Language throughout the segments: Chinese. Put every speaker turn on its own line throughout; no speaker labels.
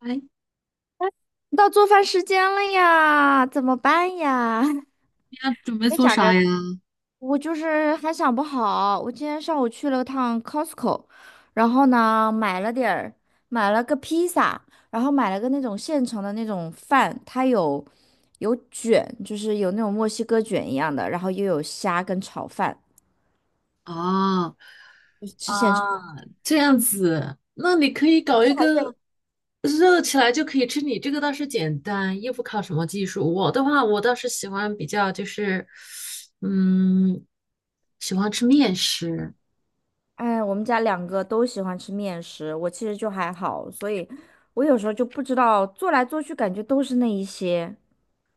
哎，
到做饭时间了呀，怎么办呀？
你要准备
别
做
想
啥
着，
呀？
我就是还想不好。我今天上午去了趟 Costco，然后呢买了点儿，买了个披萨，然后买了个那种现成的那种饭，它有卷，就是有那种墨西哥卷一样的，然后又有虾跟炒饭，
啊
就吃现成。
啊，这样子，那你可以搞一
这还是
个热起来就可以吃。你这个倒是简单，又不靠什么技术。我的话，我倒是喜欢比较就是，嗯，喜欢吃面食。
哎，我们家两个都喜欢吃面食，我其实就还好，所以我有时候就不知道做来做去，感觉都是那一些。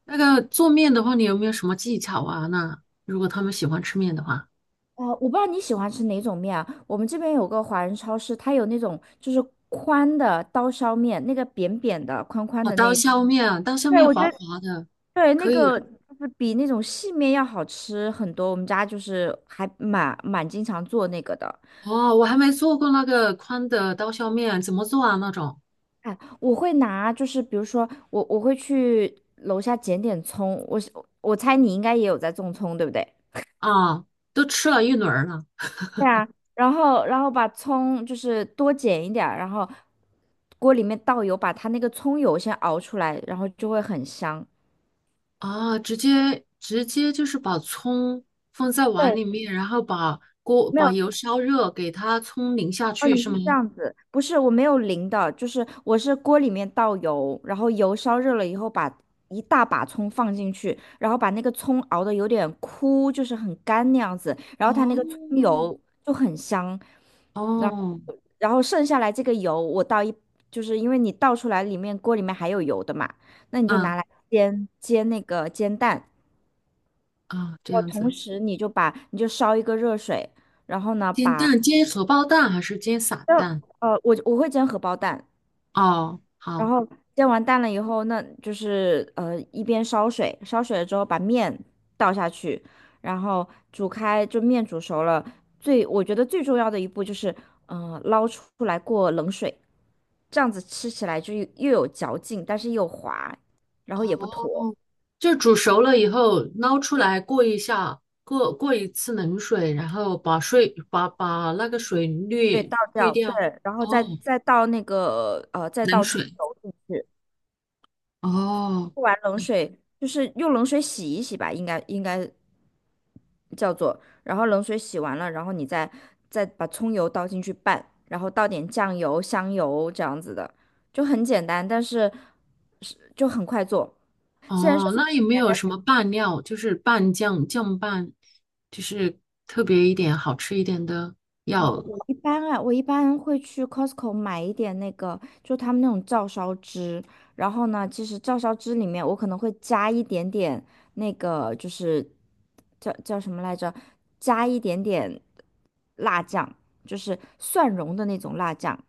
那个做面的话，你有没有什么技巧啊？那如果他们喜欢吃面的话，
啊、我不知道你喜欢吃哪种面啊？我们这边有个华人超市，它有那种就是宽的刀削面，那个扁扁的、宽宽
哦，
的那
刀
一种。
削面啊，刀削
对，
面
我觉
滑
得
滑的，
对，那
可
个
以。
就是比那种细面要好吃很多。我们家就是还蛮经常做那个的。
哦，我还没做过那个宽的刀削面，怎么做啊？那种？
哎，我会拿，就是比如说我会去楼下捡点葱，我猜你应该也有在种葱，对不对？
啊，都吃了一轮儿了。
对啊，然后把葱就是多剪一点儿然后锅里面倒油，把它那个葱油先熬出来，然后就会很香。
啊，直接就是把葱放在碗
对，
里面，然后把锅
没
把
有。
油烧热，给它葱淋下
哦，
去，
你
是
是
吗？
这样子，不是，我没有淋的，就是我是锅里面倒油，然后油烧热了以后把一大把葱放进去，然后把那个葱熬的有点枯，就是很干那样子，然后它那个葱
哦
油就很香，然后
哦，
剩下来这个油我倒一，就是因为你倒出来里面锅里面还有油的嘛，那你就
嗯
拿来煎那个煎蛋，
啊，这
我
样
同
子，
时你就烧一个热水，然后呢
煎
把。
蛋煎荷包蛋还是煎散
那，
蛋？
我会煎荷包蛋，
哦，
然
好，
后煎完蛋了以后，那就是一边烧水，烧水了之后把面倒下去，然后煮开，就面煮熟了。我觉得最重要的一步就是，捞出来过冷水，这样子吃起来就又有嚼劲，但是又滑，然后也不
哦，
坨。
就煮熟了以后捞出来过一下，过一次冷水，然后把水把那个水
对，
滤
倒
滤
掉，
掉。
对，然后
哦，
再
冷
倒葱
水。
油进去。
哦，
不玩冷水，就是用冷水洗一洗吧，应该叫做，然后冷水洗完了，然后你再把葱油倒进去拌，然后倒点酱油、香油这样子的，就很简单，但是是就很快做。
哦，那有没有什么拌料，就是拌酱、酱拌，就是特别一点、好吃一点的
哦，
药？
我一般会去 Costco 买一点那个，就他们那种照烧汁。然后呢，其实照烧汁里面我可能会加一点点那个，就是叫什么来着？加一点点辣酱，就是蒜蓉的那种辣酱。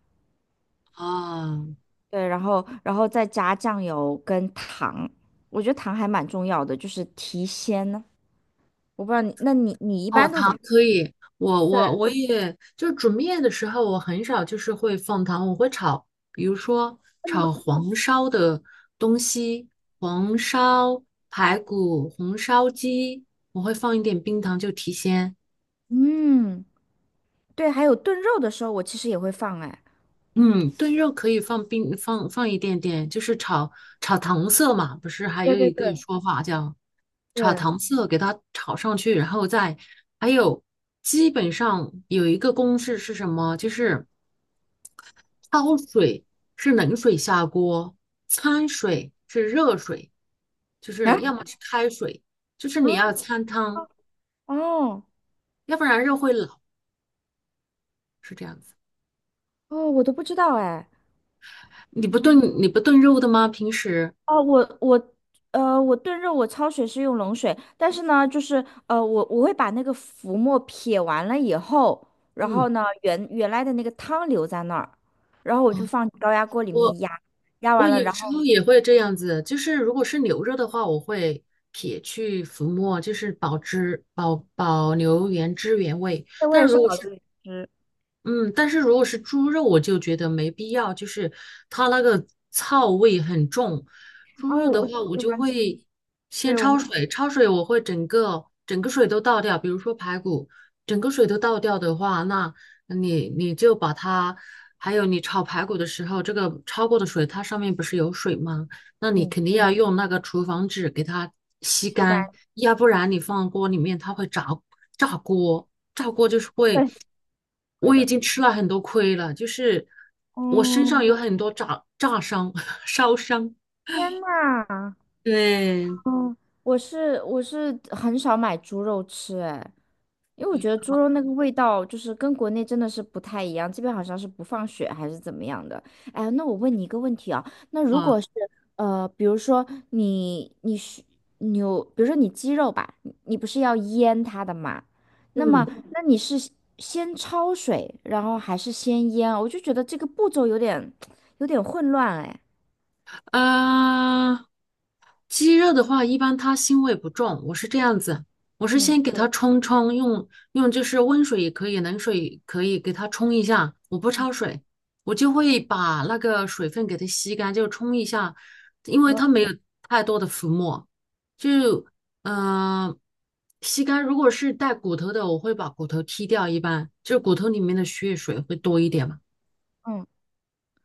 啊，
对，然后再加酱油跟糖，我觉得糖还蛮重要的，就是提鲜呢。我不知道你，那你你一
哦，
般都怎
糖
么？
可以，我也就是煮面的时候，我很少就是会放糖，我会炒，比如说炒黄烧的东西，黄烧排骨、红烧鸡，我会放一点冰糖就提鲜。
嗯，对，还有炖肉的时候，我其实也会放哎。
嗯，炖肉可以放冰，放一点点，就是炒糖色嘛，不是还
对
有
对
一个
对
说法叫炒
对。
糖色，给它炒上去，然后再还有基本上有一个公式是什么？就是焯水是冷水下锅，掺水是热水，就
啊，
是要么是开水，就是
啊，
你要掺汤，
哦
要不然肉会老，是这样子。
哦，我都不知道哎。
你不
嗯，
炖你不炖肉的吗？平时？
哦，我炖肉我焯水是用冷水，但是呢，就是我会把那个浮沫撇完了以后，然
嗯。
后呢，原来的那个汤留在那儿，然后我
哦。
就放高压锅里
我。
面压，压
我
完了，
有
然后
时候也会这样子，就是如果是牛肉的话，我会撇去浮沫，就是保汁保留原汁原味。
这我
但
也是
如果
保
是
留原汁。
嗯，但是如果是猪肉，我就觉得没必要，就是它那个臊味很重。猪
啊，
肉
我
的
我不
话，我
喜
就
欢吃，
会先
对我
焯
们
水，焯水我会整个水都倒掉，比如说排骨，整个水都倒掉的话，那你就把它，还有你炒排骨的时候，这个焯过的水，它上面不是有水吗？那你
嗯，
肯定要用那个厨房纸给它吸
膝盖，
干，要不然你放锅里面它会炸炸锅。炸锅就是会，
对，会
我已
的。
经吃了很多亏了，就是我身上
嗯，
有很多炸伤、烧伤
天呐！
对，
嗯，我是很少买猪肉吃，哎，因为我觉得猪肉那个味道就是跟国内真的是不太一样，这边好像是不放血还是怎么样的。哎，那我问你一个问题啊，那如
啊，
果是呃，比如说你你是比如说你鸡肉吧，你不是要腌它的嘛？那么
嗯，
那你是先焯水，然后还是先腌啊？我就觉得这个步骤有点 有点混乱，哎，
呃，鸡肉的话，一般它腥味不重，我是这样子，我是
嗯
先给它冲，用用就是温水也可以，冷水也可以给它冲一下，我不焯水，我就会把那个水分给它吸干，就冲一下，因为它没有太多的浮沫，就呃吸干。如果是带骨头的，我会把骨头剔掉，一般就骨头里面的血水会多一点嘛。
嗯，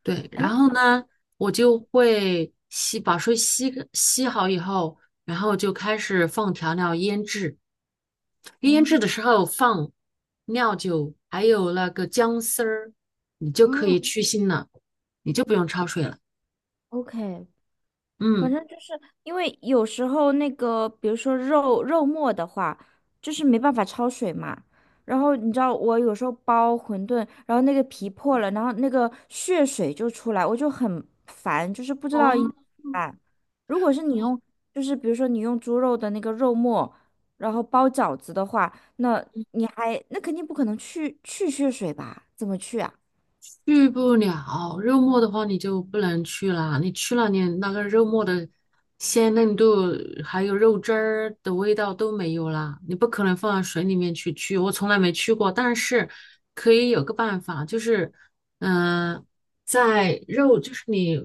对，然
哎。
后呢，我就会吸，把水吸好以后，然后就开始放调料腌制。腌制的
嗯
时候放料酒，还有那个姜丝儿，你就可
嗯
以去腥了，你就不用焯水了。
o k 反
嗯，
正就是因为有时候那个，比如说肉末的话，就是没办法焯水嘛。然后你知道我有时候包馄饨，然后那个皮破了，然后那个血水就出来，我就很烦，就是不知道应该
哦，
怎么办。如果是你用，就是比如说你用猪肉的那个肉末，然后包饺子的话，那那肯定不可能去血水吧？怎么去啊？
去不了，肉末的话你就不能去了，你去了你那个肉末的鲜嫩度，还有肉汁儿的味道都没有了，你不可能放到水里面去去，我从来没去过，但是可以有个办法，就是嗯、在肉就是你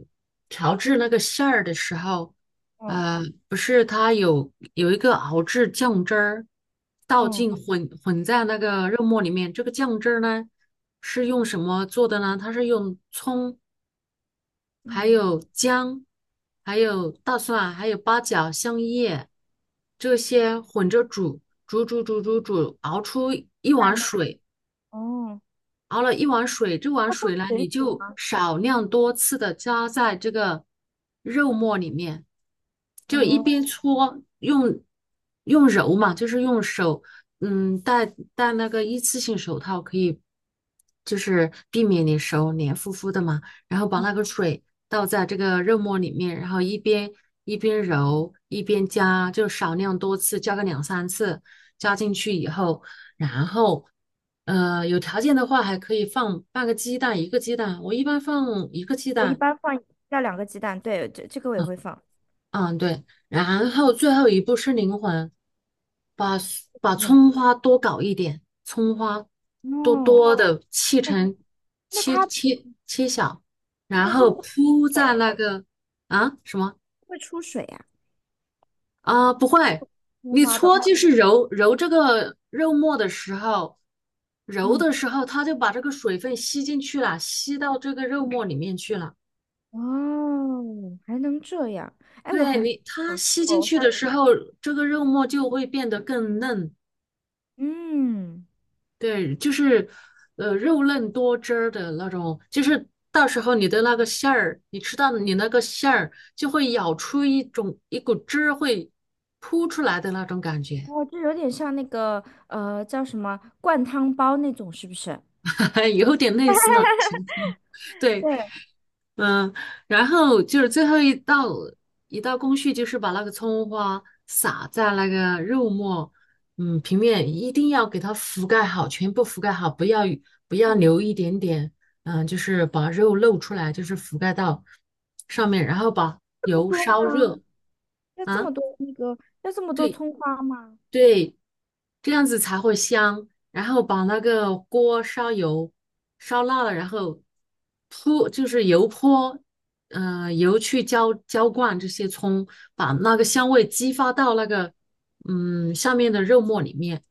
调制那个馅儿的时候，
嗯
呃，不是，它有一个熬制酱汁儿，倒
嗯
进混在那个肉末里面。这个酱汁儿呢，是用什么做的呢？它是用葱，还
嗯，
有姜，还有大蒜，还有八角、香叶这些混着煮，煮，熬出一
在
碗
那
水。
哦，
熬了一碗水，这碗
要放
水呢，
水
你
煮
就
吗？
少量多次的加在这个肉末里面，就一边
哦。
搓，用用揉嘛，就是用手，嗯，戴那个一次性手套，可以就是避免你手黏糊糊的嘛，然后把那个水倒在这个肉末里面，然后一边揉一边加，就少量多次，加个两三次，加进去以后。然后，有条件的话还可以放半个鸡蛋，一个鸡蛋，我一般放一个鸡
我一
蛋。
般放要两个鸡蛋，对，这个我也会放。
嗯，对。然后最后一步是灵魂，把 把
是什么？
葱花多搞一点，葱花多
哦，
多的切
哎，
成
那
切
它
切切小，
那
然
它会
后
不会
铺
水
在
呀、
那个啊什么？
会出水呀、
啊，不会，
葱
你
花的
搓
话，
就是揉这个肉末的时候，揉
嗯，
的时候它就把这个水分吸进去了，吸到这个肉末里面去了。
哦，还能这样？哎，
对你，它吸
我
进
我
去
下
的
次
时候，这个肉末就会变得更嫩。
嗯，
对，就是肉嫩多汁儿的那种，就是到时候你的那个馅儿，你吃到你那个馅儿就会咬出一种一股汁儿会扑出来的那种感觉，
哦，就有点像那个叫什么灌汤包那种，是不是？
有点类似那种情况。对，
对，
嗯，然后就是最后一道工序，就是把那个葱花撒在那个肉末，嗯，平面一定要给它覆盖好，全部覆盖好，不要
嗯，
留一点点，嗯，就是把肉露出来，就是覆盖到上面，然后把
不
油
多
烧
吗？
热
要这
啊，
么多那个要这么多
对，
葱花吗？
对，这样子才会香。然后把那个锅烧油，烧辣了，然后泼就是油泼，嗯，油去浇浇灌这些葱，把那个香味激发到那个嗯下面的肉末里面。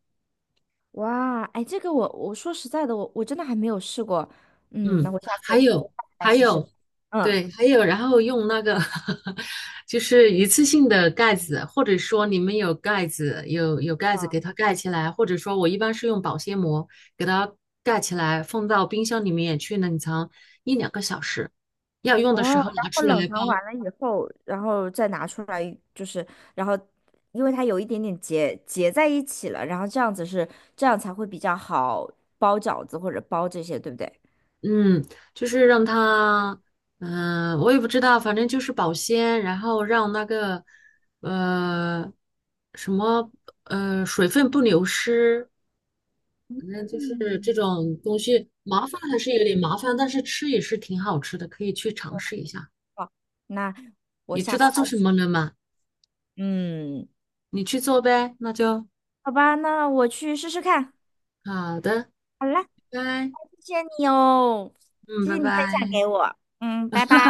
哇，哎，这个我说实在的，我真的还没有试过，嗯，那
嗯，
我下
还
次
有
来
还
试试。
有，
嗯。
对，还有，然后用那个 就是一次性的盖子，或者说你们有盖子，有盖子
啊，
给它盖起来，或者说我一般是用保鲜膜给它盖起来，放到冰箱里面去冷藏一两个小时，要用的
哦，
时候
然
拿
后
出来
冷藏
包。
完了以后，然后再拿出来，就是，然后因为它有一点点结在一起了，然后这样子是这样才会比较好包饺子或者包这些，对不对？
嗯，就是让它，嗯、我也不知道，反正就是保鲜，然后让那个呃什么呃水分不流失。反正就是这
嗯，
种东西麻烦还是有点麻烦，但是吃也是挺好吃的，可以去尝试一下。
那我
你
下
知道
次
做
来，
什么了吗？
嗯，
你去做呗，那就
好吧，那我去试试看。
好的，
好啦，
拜拜，
谢谢你哦，
嗯，
谢
拜
谢你分享
拜。
给我，嗯，拜拜。